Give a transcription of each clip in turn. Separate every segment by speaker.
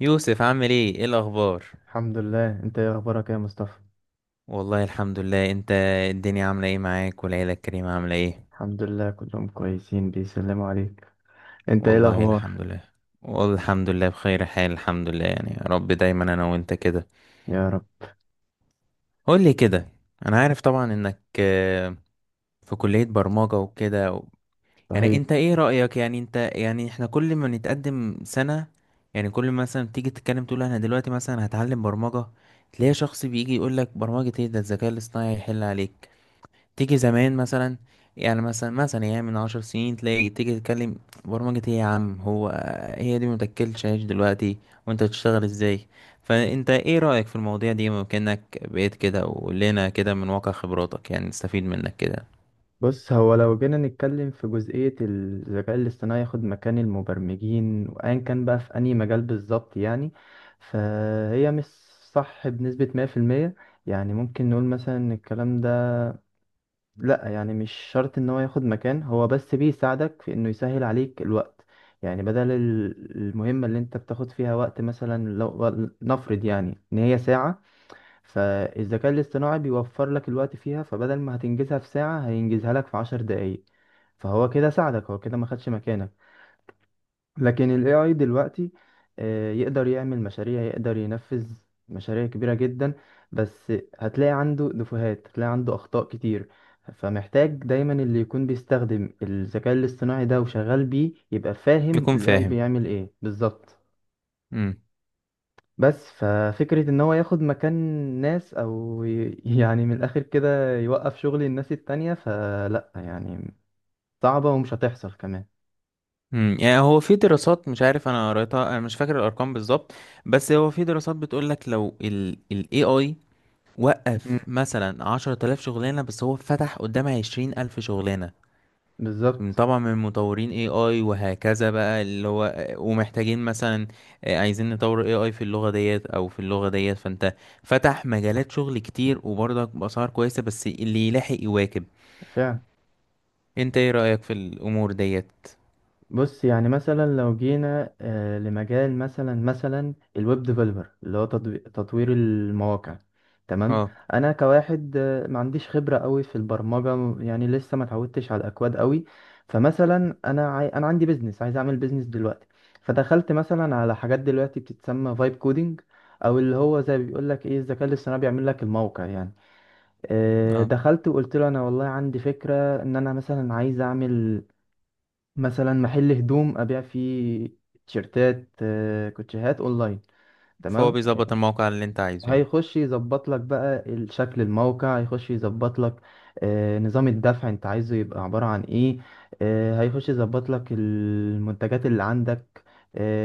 Speaker 1: يوسف، عامل ايه الاخبار؟
Speaker 2: الحمد لله. انت ايه اخبارك يا مصطفى؟
Speaker 1: والله الحمد لله. انت الدنيا عامله ايه معاك؟ والعيله الكريمه عامله ايه؟
Speaker 2: الحمد لله كلهم كويسين بيسلموا عليك. انت ايه
Speaker 1: والله
Speaker 2: الاخبار؟
Speaker 1: الحمد لله، والحمد لله بخير حال، الحمد لله، يعني يا رب دايما انا وانت كده.
Speaker 2: يا رب.
Speaker 1: قول لي كده، انا عارف طبعا انك في كليه برمجه وكده يعني
Speaker 2: صحيح.
Speaker 1: انت ايه رايك؟ يعني انت يعني احنا كل ما نتقدم سنه، يعني كل ما مثلا تيجي تتكلم تقول: انا دلوقتي مثلا هتعلم برمجه، تلاقي شخص بيجي يقول لك: برمجه ايه؟ ده الذكاء الاصطناعي هيحل عليك. تيجي زمان مثلا، يعني مثلا يعني من 10 سنين تلاقي تيجي تتكلم: برمجة ايه يا عم؟ هو هي دي متاكلش عيش دلوقتي، وانت تشتغل ازاي؟ فانت ايه رأيك في المواضيع دي؟ ممكنك بقيت كده، وقلنا كده من واقع خبراتك، يعني نستفيد منك كده.
Speaker 2: بص، هو لو جينا نتكلم في جزئية الذكاء الاصطناعي ياخد مكان المبرمجين وايا كان بقى في اي مجال بالظبط يعني، فهي مش صح بنسبة 100%. يعني ممكن نقول مثلا ان الكلام ده لا، يعني مش شرط ان هو ياخد مكان، هو بس بيساعدك في انه يسهل عليك الوقت. يعني بدل المهمة اللي انت بتاخد فيها وقت، مثلا لو نفرض يعني ان هي ساعة، فالذكاء الاصطناعي بيوفر لك الوقت فيها، فبدل ما هتنجزها في ساعة هينجزها لك في عشر دقايق. فهو كده ساعدك، هو كده ما خدش مكانك. لكن ال AI دلوقتي يقدر يعمل مشاريع، يقدر ينفذ مشاريع كبيرة جدا. بس هتلاقي عنده نفوهات، هتلاقي عنده أخطاء كتير. فمحتاج دايما اللي يكون بيستخدم الذكاء الاصطناعي ده وشغال بيه يبقى فاهم
Speaker 1: يكون
Speaker 2: ال AI
Speaker 1: فاهم.
Speaker 2: بيعمل ايه بالظبط.
Speaker 1: امم
Speaker 2: بس ففكرة ان هو ياخد مكان ناس او يعني من الاخر كده يوقف شغل الناس التانية، فلا يعني صعبة ومش هتحصل كمان.
Speaker 1: يعني هو في دراسات، مش عارف انا قريتها، انا مش فاكر الارقام بالظبط، بس هو في دراسات بتقول لك لو ال AI
Speaker 2: مم.
Speaker 1: وقف مثلا 10 آلاف شغلانة، بس هو فتح قدامها 20 ألف شغلانة.
Speaker 2: بالظبط.
Speaker 1: طبعا من مطورين اي اي وهكذا بقى، اللي هو ومحتاجين مثلا عايزين نطور اي اي في اللغة ديت او في اللغة ديت، فانت فتح مجالات شغل كتير وبرضك بأسعار كويسة، بس اللي يلاحق يواكب.
Speaker 2: فعلا.
Speaker 1: انت ايه رأيك في الامور ديت؟
Speaker 2: بص يعني مثلا لو جينا لمجال مثلا الويب ديفلوبر اللي هو تطوير المواقع. تمام.
Speaker 1: اه،
Speaker 2: انا كواحد ما عنديش خبرة قوي في البرمجة، يعني لسه ما اتعودتش على الاكواد قوي. فمثلا انا عندي بيزنس، عايز اعمل بيزنس دلوقتي. فدخلت مثلا على حاجات دلوقتي بتتسمى فايب كودينج، او اللي هو زي بيقول لك ايه، الذكاء الاصطناعي بيعمل لك الموقع يعني.
Speaker 1: اه.
Speaker 2: دخلت وقلت له انا والله عندي فكرة ان انا مثلا عايز اعمل مثلا محل هدوم ابيع فيه تيشيرتات، كوتشيهات اونلاين.
Speaker 1: فهو
Speaker 2: تمام.
Speaker 1: بيظبط الموقع اللي انت عايزه يعني.
Speaker 2: هيخش يظبط لك بقى الشكل، الموقع هيخش يظبط لك نظام الدفع انت عايزه يبقى عبارة عن ايه، هيخش يظبط لك المنتجات اللي عندك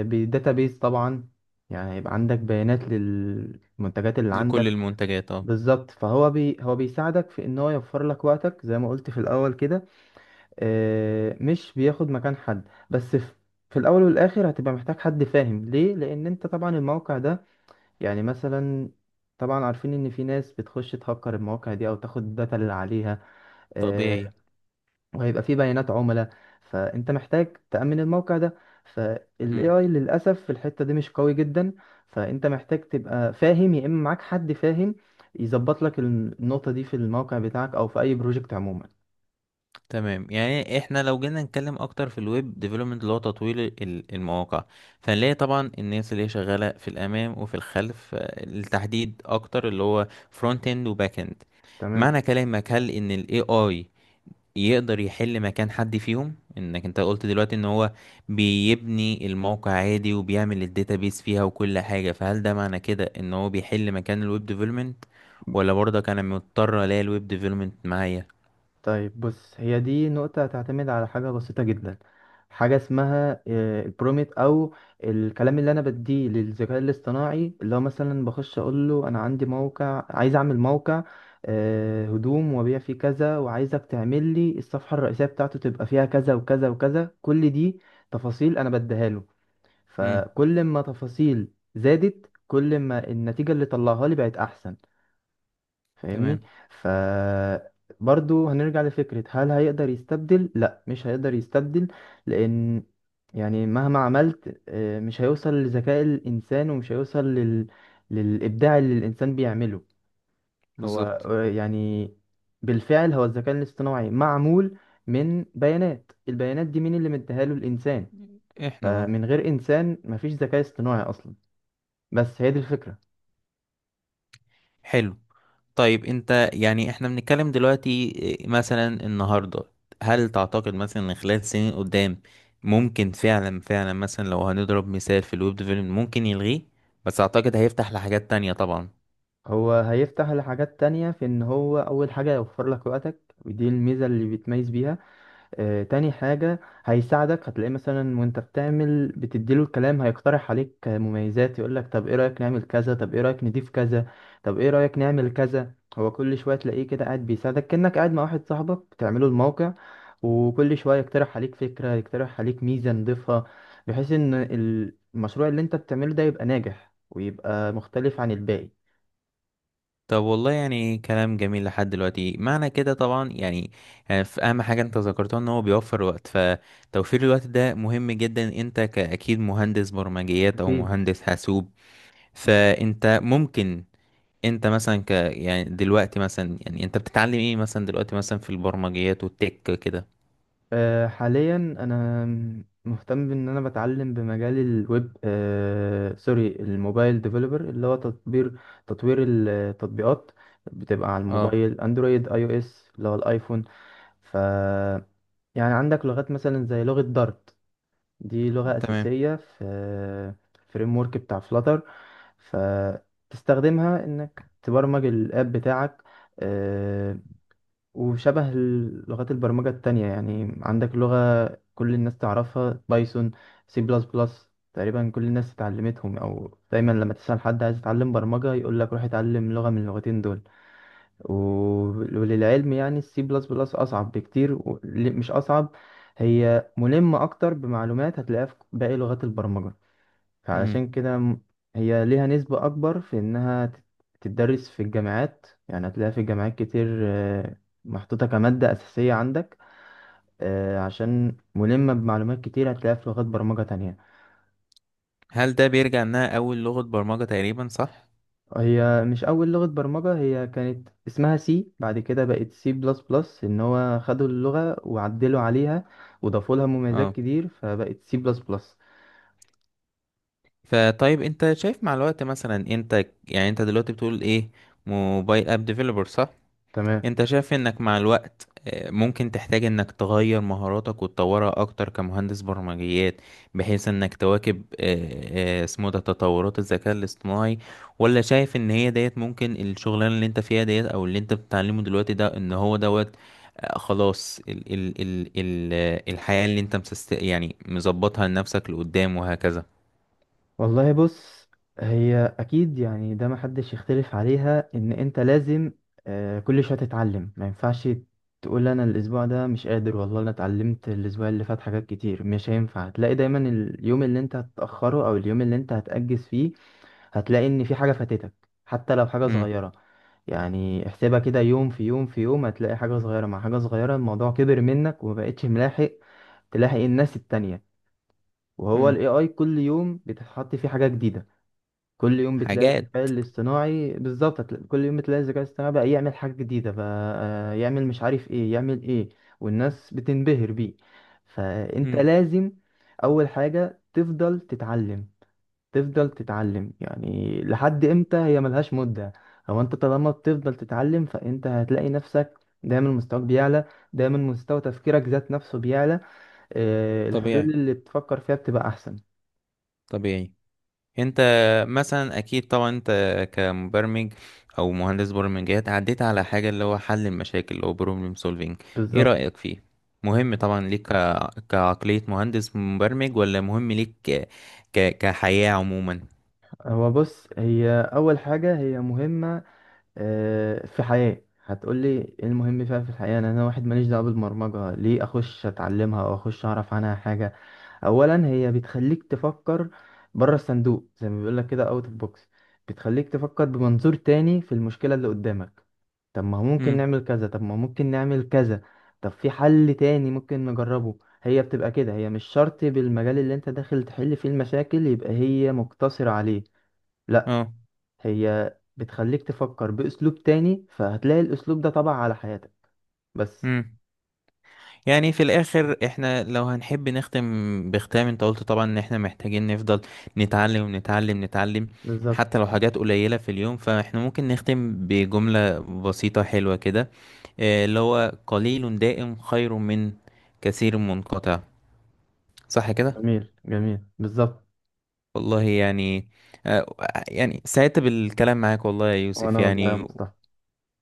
Speaker 2: بداتابيز طبعا، يعني هيبقى عندك بيانات للمنتجات اللي
Speaker 1: لكل
Speaker 2: عندك.
Speaker 1: المنتجات، اه.
Speaker 2: بالظبط. فهو بي هو بيساعدك في ان هو يوفر لك وقتك زي ما قلت في الاول كده. مش بياخد مكان حد، بس في في الاول والاخر هتبقى محتاج حد فاهم ليه، لان انت طبعا الموقع ده يعني مثلا طبعا عارفين ان في ناس بتخش تهكر المواقع دي او تاخد الداتا اللي عليها. آه،
Speaker 1: طبيعي.
Speaker 2: وهيبقى في بيانات عملاء، فانت محتاج تأمن الموقع ده. فالاي اي للاسف في الحتة دي مش قوي جدا، فانت محتاج تبقى فاهم يا اما معاك حد فاهم يظبط لك النقطة دي في الموقع بتاعك او في اي بروجكت عموما.
Speaker 1: تمام، يعني احنا لو جينا نتكلم اكتر في الويب ديفلوبمنت اللي هو تطوير المواقع، فنلاقي طبعا الناس اللي هي شغاله في الامام وفي الخلف، التحديد اكتر اللي هو فرونت اند وباك اند.
Speaker 2: تمام.
Speaker 1: معنى كلامك هل ان الاي اي يقدر يحل مكان حد فيهم؟ انك انت قلت دلوقتي ان هو بيبني الموقع عادي وبيعمل الداتابيس فيها وكل حاجه، فهل ده معنى كده ان هو بيحل مكان الويب ديفلوبمنت؟ ولا برضك انا مضطر الاقي الويب ديفلوبمنت معايا؟
Speaker 2: طيب، بص، هي دي نقطة هتعتمد على حاجة بسيطة جدا، حاجة اسمها البروميت، أو الكلام اللي أنا بديه للذكاء الاصطناعي، اللي هو مثلا بخش أقول له أنا عندي موقع، عايز أعمل موقع هدوم وأبيع فيه كذا، وعايزك تعمل لي الصفحة الرئيسية بتاعته تبقى فيها كذا وكذا وكذا، كل دي تفاصيل أنا بديها له.
Speaker 1: امم.
Speaker 2: فكل ما تفاصيل زادت، كل ما النتيجة اللي طلعها لي بقت أحسن. فاهمني؟
Speaker 1: تمام.
Speaker 2: ف برضو هنرجع لفكرة هل هيقدر يستبدل، لا مش هيقدر يستبدل. لأن يعني مهما عملت مش هيوصل لذكاء الإنسان، ومش هيوصل للإبداع اللي الإنسان بيعمله. هو
Speaker 1: بالظبط.
Speaker 2: يعني بالفعل هو الذكاء الاصطناعي معمول من بيانات، البيانات دي مين اللي مديها له؟ الإنسان.
Speaker 1: احنا، آه.
Speaker 2: فمن غير إنسان مفيش ذكاء اصطناعي أصلا. بس هي دي الفكرة.
Speaker 1: حلو. طيب، انت يعني احنا بنتكلم دلوقتي مثلا النهارده، هل تعتقد مثلا ان خلال سنين قدام ممكن فعلا فعلا مثلا لو هنضرب مثال في الويب ديفلوبمنت ممكن يلغيه؟ بس اعتقد هيفتح لحاجات تانية طبعا.
Speaker 2: هو هيفتح لحاجات تانية في ان هو اول حاجة يوفر لك وقتك، ودي الميزة اللي بيتميز بيها. آه، تاني حاجة هيساعدك، هتلاقيه مثلا وانت بتعمل بتديله الكلام هيقترح عليك مميزات، يقولك طب ايه رأيك نعمل كذا، طب ايه رأيك نضيف كذا، طب ايه رأيك نعمل كذا. هو كل شوية تلاقيه كده قاعد بيساعدك كأنك قاعد مع واحد صاحبك بتعمله الموقع، وكل شوية يقترح عليك فكرة، يقترح عليك ميزة نضيفها، بحيث ان المشروع اللي انت بتعمله ده يبقى ناجح ويبقى مختلف عن الباقي.
Speaker 1: طب والله، يعني كلام جميل لحد دلوقتي، معنى كده طبعا يعني، في اهم حاجة انت ذكرتها ان هو بيوفر وقت، فتوفير الوقت ده مهم جدا. انت كأكيد مهندس برمجيات او
Speaker 2: أكيد.
Speaker 1: مهندس حاسوب، فانت ممكن انت مثلا ك يعني دلوقتي مثلا يعني انت بتتعلم ايه مثلا دلوقتي مثلا في البرمجيات والتك كده؟
Speaker 2: حاليا انا مهتم بان انا بتعلم بمجال الويب، سوري الموبايل ديفلوبر اللي هو تطوير التطبيقات، بتبقى على
Speaker 1: اه.
Speaker 2: الموبايل اندرويد، اي او اس اللي هو الايفون. ف يعني عندك لغات مثلا زي لغة دارت، دي لغة
Speaker 1: تمام.
Speaker 2: أساسية في فريم ورك بتاع فلاتر، فتستخدمها انك تبرمج الاب بتاعك. آه، وشبه لغات البرمجة التانية، يعني عندك لغة كل الناس تعرفها بايثون، سي بلس بلس، تقريبا كل الناس اتعلمتهم، او دايما لما تسأل حد عايز يتعلم برمجة يقول لك روح اتعلم لغة من اللغتين دول. و- وللعلم يعني السي بلس بلس اصعب بكتير مش اصعب، هي ملمة اكتر بمعلومات هتلاقيها في باقي لغات البرمجة.
Speaker 1: امم.
Speaker 2: فعلشان كده هي ليها نسبة أكبر في إنها تتدرس في الجامعات، يعني هتلاقيها في الجامعات كتير محطوطة كمادة أساسية عندك، عشان ملمة بمعلومات كتير هتلاقيها في لغات برمجة تانية.
Speaker 1: هل ده بيرجع انها اول لغة برمجة تقريبا؟ صح.
Speaker 2: هي مش أول لغة برمجة، هي كانت اسمها سي، بعد كده بقت سي بلس بلس، إن هو خدوا اللغة وعدلوا عليها وضافوا لها مميزات
Speaker 1: اه.
Speaker 2: كتير فبقت سي بلس بلس.
Speaker 1: فطيب، انت شايف مع الوقت مثلا، انت يعني انت دلوقتي بتقول ايه، موبايل اب ديفلوبر، صح؟
Speaker 2: تمام.
Speaker 1: انت شايف انك مع الوقت ممكن تحتاج انك تغير مهاراتك وتطورها اكتر كمهندس برمجيات، بحيث انك تواكب اسمه ده تطورات الذكاء الاصطناعي؟ ولا شايف ان هي ديت ممكن الشغلانة اللي انت فيها ديت او اللي انت بتتعلمه دلوقتي ده ان هو دوت خلاص ال ال ال ال آه، الحياة اللي انت مسست يعني مظبطها لنفسك لقدام وهكذا؟
Speaker 2: والله بص، هي اكيد يعني ده محدش يختلف عليها ان انت لازم كل شويه تتعلم، ما ينفعش تقول انا الاسبوع ده مش قادر والله انا اتعلمت الاسبوع اللي فات حاجات كتير، مش هينفع. هتلاقي دايما اليوم اللي انت هتاخره او اليوم اللي انت هتاجز فيه، هتلاقي ان في حاجه فاتتك، حتى لو حاجه
Speaker 1: امم.
Speaker 2: صغيره. يعني احسبها كده يوم في يوم في يوم، هتلاقي حاجه صغيره مع حاجه صغيره الموضوع كبر منك ومبقتش ملاحق تلاحق الناس التانية. وهو
Speaker 1: امم.
Speaker 2: الاي اي كل يوم بتتحط فيه حاجه جديده، كل يوم بتلاقي
Speaker 1: حاجات.
Speaker 2: الذكاء الاصطناعي بالظبط كل يوم بتلاقي الذكاء الاصطناعي بقى يعمل حاجة جديدة بقى، يعمل مش عارف ايه، يعمل ايه. والناس بتنبهر بيه. فانت
Speaker 1: امم.
Speaker 2: لازم اول حاجة تفضل تتعلم، تفضل تتعلم. يعني لحد امتى؟ هي ملهاش مدة. هو انت طالما بتفضل تتعلم فانت هتلاقي نفسك دايما مستواك بيعلى، دايما مستوى تفكيرك ذات نفسه بيعلى، الحلول
Speaker 1: طبيعي.
Speaker 2: اللي بتفكر فيها بتبقى احسن.
Speaker 1: طبيعي. انت مثلا اكيد طبعا انت كمبرمج او مهندس برمجيات عديت على حاجة اللي هو حل المشاكل او بروبلم سولفينج. ايه
Speaker 2: بالظبط.
Speaker 1: رأيك فيه؟ مهم طبعا ليك كعقلية مهندس مبرمج؟ ولا مهم ليك كحياة عموما؟
Speaker 2: هو بص، هي أول حاجة هي مهمة. في حياة هتقولي ايه المهم فيها في الحياة، أنا واحد ماليش دعوة بالبرمجة، ليه أخش أتعلمها أو أخش أعرف عنها حاجة؟ أولا، هي بتخليك تفكر بره الصندوق زي ما بيقولك كده، أوت أوف بوكس. بتخليك تفكر بمنظور تاني في المشكلة اللي قدامك. طب ما هو ممكن
Speaker 1: امم.
Speaker 2: نعمل كذا، طب ما ممكن نعمل كذا، طب في حل تاني ممكن نجربه. هي بتبقى كده، هي مش شرط بالمجال اللي انت داخل تحل فيه المشاكل يبقى هي مقتصرة عليه، لا،
Speaker 1: اه.
Speaker 2: هي بتخليك تفكر بأسلوب تاني، فهتلاقي الأسلوب ده طبع على حياتك بس.
Speaker 1: امم. يعني في الاخر احنا لو هنحب نختم بختام، انت قلت طبعا ان احنا محتاجين نفضل نتعلم نتعلم نتعلم،
Speaker 2: بالظبط.
Speaker 1: حتى لو حاجات قليلة في اليوم، فاحنا ممكن نختم بجملة بسيطة حلوة كده، اللي هو قليل دائم خير من كثير منقطع، صح كده؟
Speaker 2: جميل جميل، بالظبط.
Speaker 1: والله يعني آه، يعني سعدت بالكلام معاك والله يا يوسف
Speaker 2: وأنا والله يا
Speaker 1: يعني.
Speaker 2: مصطفى.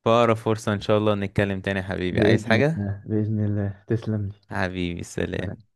Speaker 1: في أقرب فرصة إن شاء الله نتكلم تاني يا حبيبي. عايز
Speaker 2: بإذن
Speaker 1: حاجة؟
Speaker 2: الله، بإذن الله. تسلم
Speaker 1: حبيبي، سلام.
Speaker 2: لي.